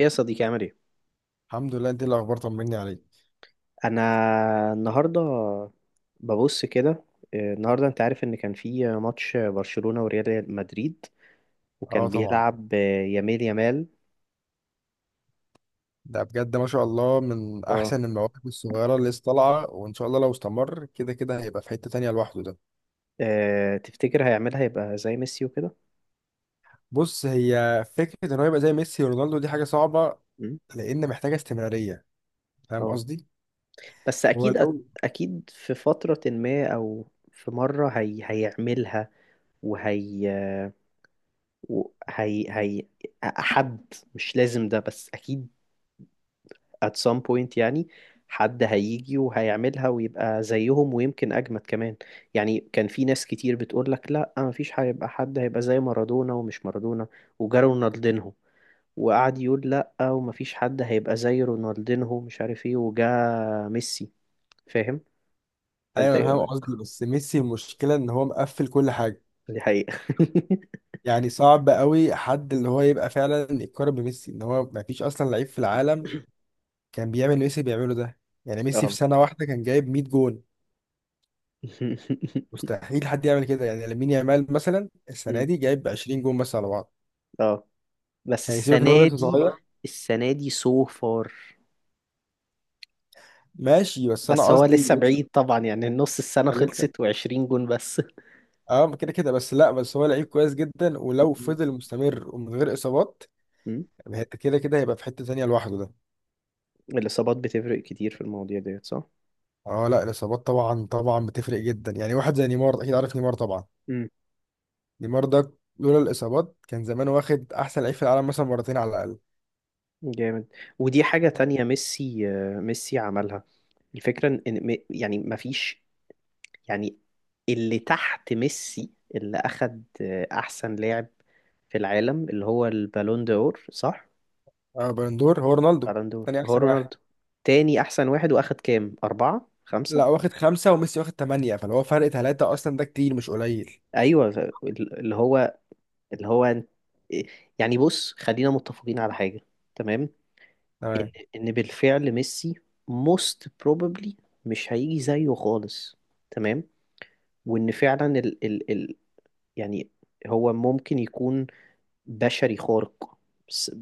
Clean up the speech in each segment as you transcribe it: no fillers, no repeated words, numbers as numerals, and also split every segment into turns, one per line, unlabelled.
ايه يا صديقي، عامل ايه؟
الحمد لله، انت إيه الاخبار؟ طمني عليك.
انا النهارده ببص كده. النهارده انت عارف ان كان في ماتش برشلونة وريال مدريد،
اه
وكان
طبعا.
بيلعب، يامال يامال.
ده بجد ما شاء الله من
اه،
احسن المواهب الصغيره اللي لسه طالعه، وان شاء الله لو استمر كده كده هيبقى في حته تانية لوحده ده.
تفتكر هيعملها يبقى زي ميسي وكده؟
بص، هي فكره ان هو يبقى زي ميسي ورونالدو دي حاجه صعبه،
مم.
لان محتاجه استمراريه. فاهم
اه
قصدي؟
بس
هو
اكيد
لو
اكيد في فترة ما، او في مرة هيعملها، وهي وهي هي حد مش لازم ده، بس اكيد at some point يعني. حد هيجي وهيعملها ويبقى زيهم، ويمكن أجمد كمان. يعني كان في ناس كتير بتقول لك لا، مفيش هيبقى حد هيبقى زي مارادونا ومش مارادونا. وجا رونالدينهو، وقعد يقول لا، ومفيش حد هيبقى زي رونالدينهو مش عارف ايه، وجا ميسي. فاهم؟ فانت
ايوه انا
ايه
فاهم
رأيك؟
قصدي، بس ميسي المشكله ان هو مقفل كل حاجه،
دي حقيقة.
يعني صعب قوي حد اللي هو يبقى فعلا يتقارن بميسي، ان هو ما فيش اصلا لعيب في العالم كان بيعمل اللي ميسي بيعمله ده. يعني ميسي في
اه.
سنه واحده كان جايب 100 جون، مستحيل حد يعمل كده، يعني لامين يامال مثلا السنه دي جايب 20 جون بس على بعض،
اه. بس
يعني سيبك ان هو
السنة
لسه
دي
صغير.
السنة دي سو فار.
ماشي بس انا
بس هو
قصدي
لسه
لسه.
بعيد طبعا، يعني النص السنة
لسه
خلصت و20 جون بس.
اه، كده كده، بس لا، بس هو لعيب كويس جدا، ولو
مم.
فضل مستمر ومن غير اصابات
مم.
كده كده هيبقى في حته تانيه لوحده ده.
الإصابات بتفرق كتير في المواضيع ديت، صح؟
اه لا، الاصابات طبعا طبعا بتفرق جدا، يعني واحد زي نيمار، اكيد عارف نيمار طبعا.
مم.
نيمار ده لولا الاصابات كان زمان واخد احسن لعيب في العالم مثلا مرتين على الاقل.
جامد. ودي حاجة تانية، ميسي، ميسي عملها. الفكرة إن إن يعني مفيش يعني اللي تحت ميسي، اللي أخد أحسن لاعب في العالم اللي هو البالون دور، صح؟
اه، بالندور هو رونالدو،
بالون دور
تاني
هو
احسن واحد.
رونالدو. تاني أحسن واحد، وأخد كام؟ أربعة؟ خمسة؟
لا، واخد خمسة وميسي واخد تمانية، فاللي هو فرق تلاتة، أصلا ده كتير مش قليل.
أيوة اللي هو، اللي هو أنت- يعني بص، خلينا متفقين على حاجة. تمام.
تمام.
ان بالفعل ميسي most probably مش هيجي زيه خالص. تمام. وان فعلا ال ال ال يعني هو ممكن يكون بشري خارق، s-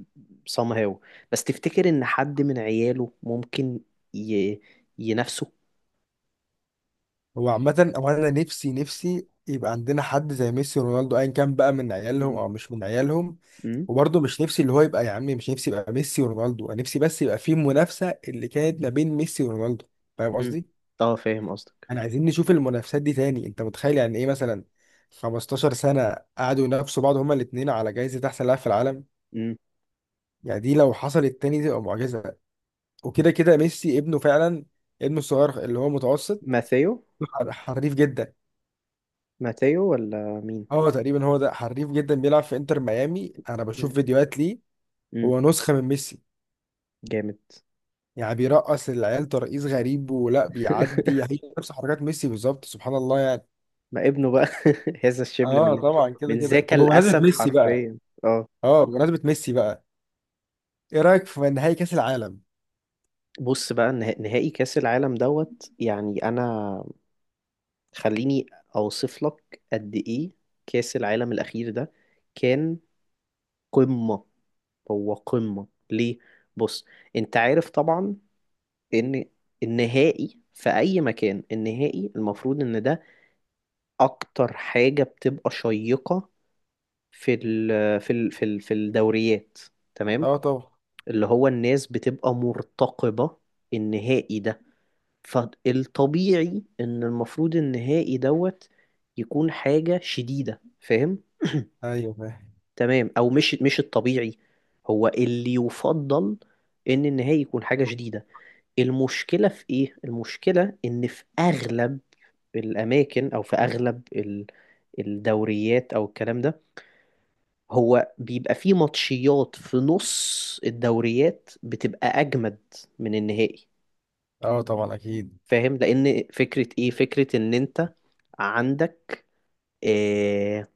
somehow. بس تفتكر ان حد من عياله ممكن ي ينافسه؟
هو عامة هو أنا نفسي نفسي يبقى عندنا حد زي ميسي ورونالدو، أيا كان بقى من عيالهم
مم.
أو مش من عيالهم.
مم.
وبرضه مش نفسي اللي هو يبقى، يا عمي مش نفسي يبقى ميسي ورونالدو، أنا نفسي بس يبقى في منافسة اللي كانت ما بين ميسي ورونالدو. فاهم
مم.
قصدي؟
اه، فاهم قصدك.
أنا عايزين نشوف المنافسات دي تاني. أنت متخيل يعني إيه مثلا 15 سنة قعدوا ينافسوا بعض، هما الاتنين، على جايزة أحسن لاعب في العالم؟
مم.
يعني دي لو حصلت تاني دي تبقى معجزة. وكده كده ميسي ابنه فعلا، ابنه الصغير اللي هو متوسط،
ماثيو.
حريف جدا.
ماثيو ولا مين؟
اه تقريبا هو ده حريف جدا، بيلعب في انتر ميامي، انا بشوف
مم.
فيديوهات ليه.
مم.
هو نسخة من ميسي،
جامد.
يعني بيرقص العيال ترقيص غريب ولا بيعدي هي، نفس حركات ميسي بالظبط، سبحان الله يعني.
ما ابنه بقى. هذا الشبل
اه
من
طبعا كده
من
كده.
ذاك
طب بمناسبة
الأسد
ميسي بقى،
حرفيا. اه.
اه بمناسبة ميسي بقى ايه رأيك في نهائي كأس العالم؟
بص بقى، نهائي كأس العالم دوت، يعني أنا خليني أوصف لك قد إيه كأس العالم الأخير ده كان قمة. هو قمة ليه؟ بص، أنت عارف طبعا إن النهائي في أي مكان، النهائي المفروض إن ده أكتر حاجة بتبقى شيقة في ال في ال في ال في الدوريات، تمام؟
اه طبعا.
اللي هو الناس بتبقى مرتقبة النهائي ده، فالطبيعي ان المفروض النهائي دوت يكون حاجة شديدة، فاهم.
ايوه فاهم.
تمام، او مش مش الطبيعي هو اللي يفضل ان النهائي يكون حاجة شديدة. المشكلة في ايه؟ المشكلة ان في اغلب الاماكن، او في اغلب الدوريات او الكلام ده، هو بيبقى فيه ماتشيات في نص الدوريات بتبقى اجمد من النهائي.
اه طبعا اكيد.
فاهم؟ لان فكره ايه؟ فكره ان انت عندك إيه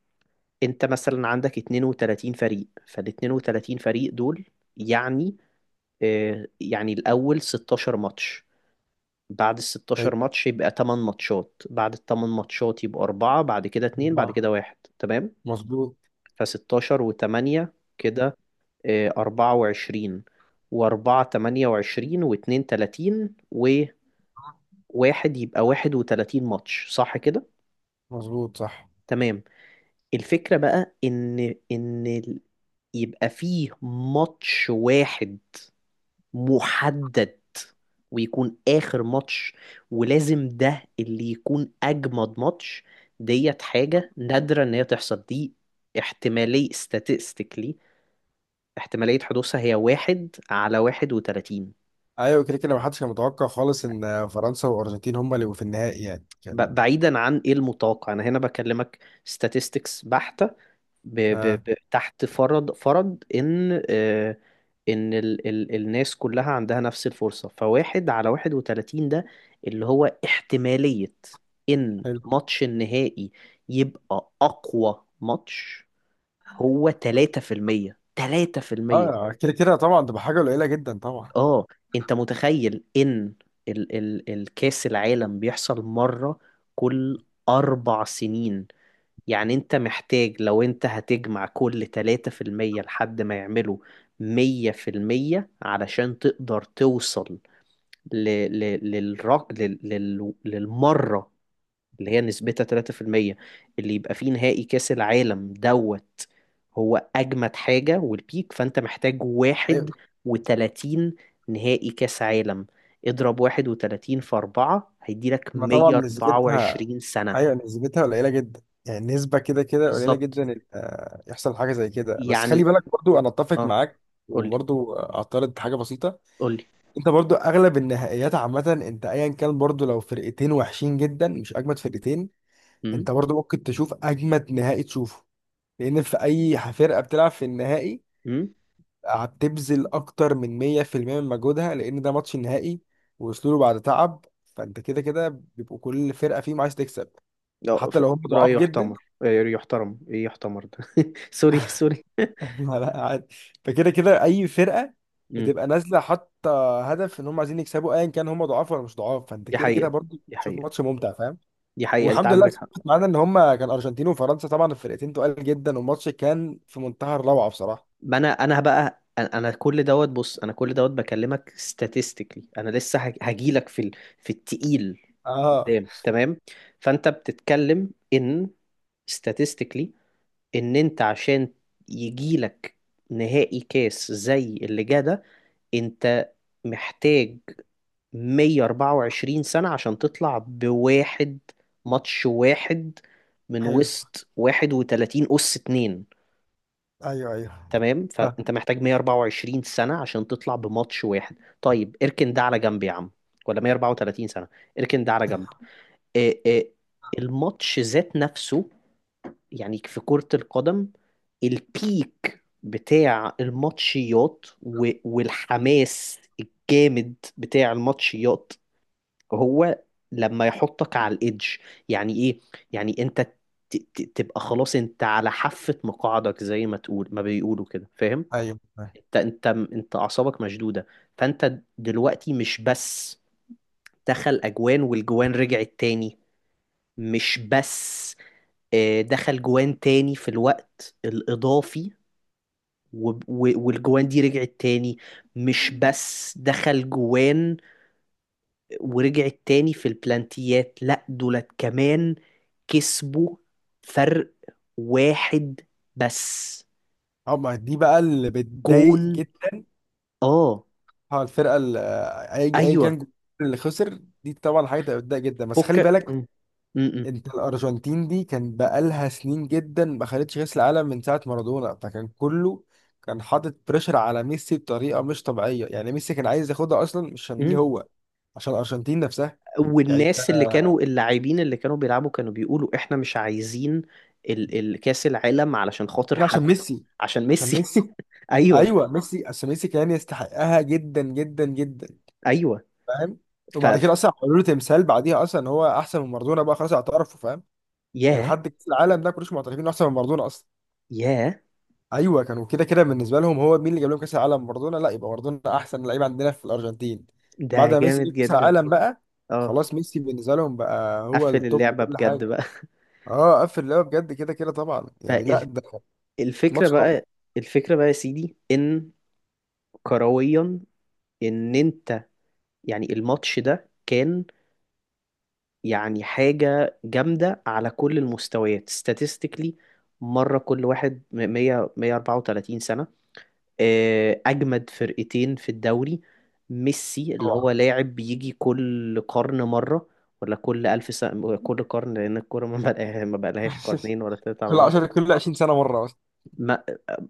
انت مثلا عندك 32 فريق، فال 32 فريق دول يعني إيه؟ يعني الاول 16 ماتش، بعد ال 16
أيوة.
ماتش يبقى 8 ماتشات، بعد ال 8 ماتشات يبقى 4، بعد كده 2، بعد
طبعاً.
كده 1. تمام،
مظبوط.
ف 16 و8 كده إيه، 24، و4 28، و2 30، و1 يبقى 31 ماتش، صح كده؟
مظبوط صح.
تمام. الفكرة بقى إن إن يبقى فيه ماتش واحد محدد ويكون آخر ماتش، ولازم ده اللي يكون أجمد ماتش. ديت حاجة نادرة إن هي تحصل دي، احتمالية statistically. احتمالية حدوثها هي واحد على واحد وتلاتين.
ايوه كده كده محدش كان متوقع خالص ان فرنسا والارجنتين هما اللي يبقوا في النهائي، يعني كان.
بعيدا عن إيه المتوقع، أنا هنا بكلمك statistics بحتة،
اه.
تحت فرض ان ان الناس كلها عندها نفس الفرصة، فواحد على واحد وتلاتين ده اللي هو احتمالية ان
حلو.
ماتش النهائي يبقى اقوى ماتش، هو تلاتة في المية. تلاتة في المية.
اه كده كده طبعا تبقى حاجه قليله جدا طبعا.
اه انت متخيل ان الكاس العالم بيحصل مرة كل اربع سنين؟ يعني انت محتاج لو انت هتجمع كل 3% لحد ما يعملوا 100% علشان تقدر توصل ل... ل... للر... لل... لل... للمرة اللي هي نسبتها 3% اللي يبقى فيه نهائي كأس العالم دوت هو أجمد حاجة والبيك. فأنت محتاج
ايوه.
واحد وتلاتين نهائي كأس عالم. اضرب واحد وتلاتين في أربعة هيديلك
ما طبعا
مية أربعة
نسبتها.
وعشرين سنة.
ايوه نسبتها قليله جدا، يعني نسبه كده كده قليله
بالظبط
جدا ان يحصل حاجه زي كده. بس خلي
يعني.
بالك، برضو انا اتفق
اه.
معاك.
قولي.
وبرضو اعترض حاجه بسيطه.
قول لي.
انت برضو اغلب النهائيات عامه انت ايا كان، برضو لو فرقتين وحشين جدا مش اجمد فرقتين،
امم
انت برضو ممكن تشوف اجمد نهائي تشوفه، لان في اي فرقه بتلعب في النهائي
امم
هتبذل اكتر من 100% من مجهودها، لان ده ماتش نهائي ووصلوا له بعد تعب، فانت كده كده بيبقوا كل فرقه فيهم عايز تكسب،
لا،
حتى لو هم
رأي
ضعاف جدا.
يحتمر، يحترم، ايه يحتمر ده؟ سوري، سوري.
لا لا، عادي. فكده كده اي فرقه
امم
بتبقى نازله حاطه هدف ان هم عايزين يكسبوا، ايا كان هم ضعاف ولا مش ضعاف، فانت
دي
كده كده
حقيقة،
برضه
دي
تشوف
حقيقة،
ماتش ممتع، فاهم.
دي حقيقة، انت
والحمد لله
عندك حق.
سمعت معانا ان هم كان ارجنتين وفرنسا، طبعا الفرقتين تقال جدا، والماتش كان في منتهى الروعه بصراحه.
ما انا انا بقى، انا كل دوت، بص انا كل دوت بكلمك statistically. انا لسه هجيلك في في التقيل
اه.
قدام، تمام. فانت بتتكلم ان statistically ان انت عشان يجيلك نهائي كاس زي اللي جه ده، انت محتاج 124 سنة عشان تطلع بواحد، ماتش واحد، من
حلو.
وسط 31 أس اتنين.
ايوه، ايوه،
تمام، فأنت محتاج 124 سنة عشان تطلع بماتش واحد. طيب اركن ده على جنب يا عم، ولا 134 سنة. اركن ده على جنب. إيه إيه الماتش ذات نفسه يعني في كرة القدم، البيك بتاع الماتشيات والحماس الجامد بتاع الماتشيات هو لما يحطك على الإيدج. يعني إيه؟ يعني أنت تبقى خلاص، أنت على حافة مقاعدك زي ما تقول ما بيقولوا كده، فاهم؟
ايوه، فاهم.
أنت أعصابك مشدودة. فأنت دلوقتي مش بس دخل أجوان والجوان رجعت تاني، مش بس دخل جوان تاني في الوقت الإضافي والجوان دي رجعت تاني، مش بس دخل جوان ورجعت تاني في البلانتيات، لا دولت كمان كسبوا فرق واحد بس
اه، ما دي بقى اللي
جون.
بتضايق جدا.
اه.
اه الفرقه اللي، اي ايا كان
ايوه.
الجمهور اللي خسر دي، طبعا حاجه تبقى بتضايق جدا، بس خلي بالك،
م- م- م-
انت الارجنتين دي كان بقالها سنين جدا ما خدتش كاس العالم من ساعه مارادونا، فكان كله كان حاطط بريشر على ميسي بطريقه مش طبيعيه، يعني ميسي كان عايز ياخدها اصلا مش عشان ليه
م.
هو، عشان الارجنتين نفسها. يعني انت
والناس اللي كانوا اللاعبين اللي كانوا بيلعبوا كانوا بيقولوا احنا مش عايزين الكاس العالم علشان خاطر
عاملين عشان
حد،
ميسي.
عشان
عشان
ميسي.
ميسي.
ايوه.
ايوه ميسي عشان ميسي كان يستحقها جدا جدا جدا.
ايوه.
فاهم.
ف
وبعد
ف-
كده اصلا عملوا له تمثال بعديها اصلا ان هو احسن من مارادونا، بقى خلاص اعترفوا، فاهم. يعني
ياه.
لحد كاس العالم ده كلش معترفين إنه احسن من مارادونا اصلا.
ياه.
ايوه كانوا كده كده بالنسبه لهم هو مين اللي جاب لهم كاس العالم؟ مارادونا، لا يبقى مارادونا احسن لعيب عندنا في الارجنتين.
ده
بعد ما ميسي
جامد
جه كاس
جدا.
العالم بقى
اه
خلاص ميسي بالنسبه لهم بقى هو
قفل
التوب في
اللعبة
كل
بجد
حاجه.
بقى.
اه قفل اللعبه بجد كده كده طبعا، يعني لا
فال
ده
الفكرة
ماتش تحفه
بقى. يا سيدي ان كرويا ان انت يعني الماتش ده كان، يعني حاجة جامدة على كل المستويات statistically. مرة كل واحد 100 134 سنة، أجمد فرقتين في الدوري، ميسي اللي هو
طبعا.
لاعب بيجي كل قرن مرة، ولا كل ألف سنة، كل قرن، لأن الكورة ما بقالهاش قرنين ولا تلاتة على
كل
بعض.
10 كل 20 سنه مره اصلا.
ما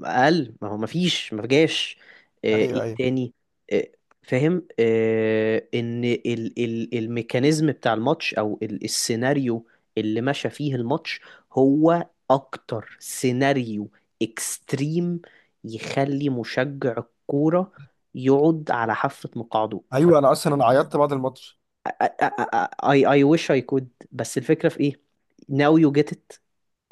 اقل ما هو ما فيش، ما جاش.
ايوه،
ايه
ايوه،
تاني؟ آه، فاهم، ان ال ال الميكانيزم بتاع الماتش، او السيناريو اللي مشى فيه الماتش هو اكتر سيناريو اكستريم يخلي مشجع الكورة يقعد على حافة مقعده. ف
ايوه، انا اصلا انا عيطت بعد الماتش.
I I I wish I could، بس الفكرة في ايه؟ Now you get it.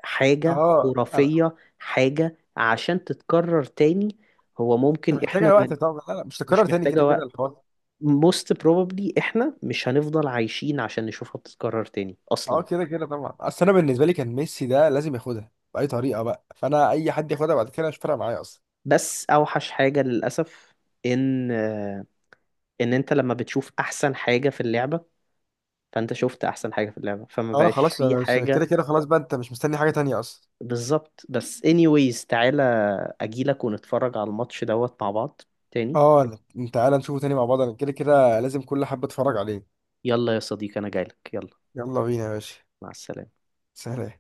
حاجة
اه انا
خرافية، حاجة عشان تتكرر تاني هو
انت
ممكن احنا
محتاجه وقت
ما،
طبعا. لا لا مش
مش
تكرر تاني كده
محتاجة
كده
وقت.
الحوار.
Most probably احنا مش هنفضل عايشين عشان نشوفها بتتكرر تاني اصلا.
اه كده كده طبعا، اصل انا بالنسبه لي كان ميسي ده لازم ياخدها باي طريقه بقى، فانا اي حد ياخدها بعد كده مش فارقه معايا اصلا.
بس اوحش حاجة للأسف ان، انت لما بتشوف احسن حاجة في اللعبة، فانت شفت احسن حاجة في اللعبة فما
اه
بقاش
خلاص،
في
انا كده
حاجة.
كده خلاص بقى انت مش مستني حاجه تانية اصلا.
بالظبط. بس anyways تعالى اجيلك ونتفرج على الماتش دوت مع بعض تاني.
اه لا، انت تعالى نشوفه تاني مع بعض، انا كده كده لازم كل حبه اتفرج عليه.
يلا يا صديقي انا جايلك، يلا.
يلا بينا يا باشا.
مع السلامة.
سلام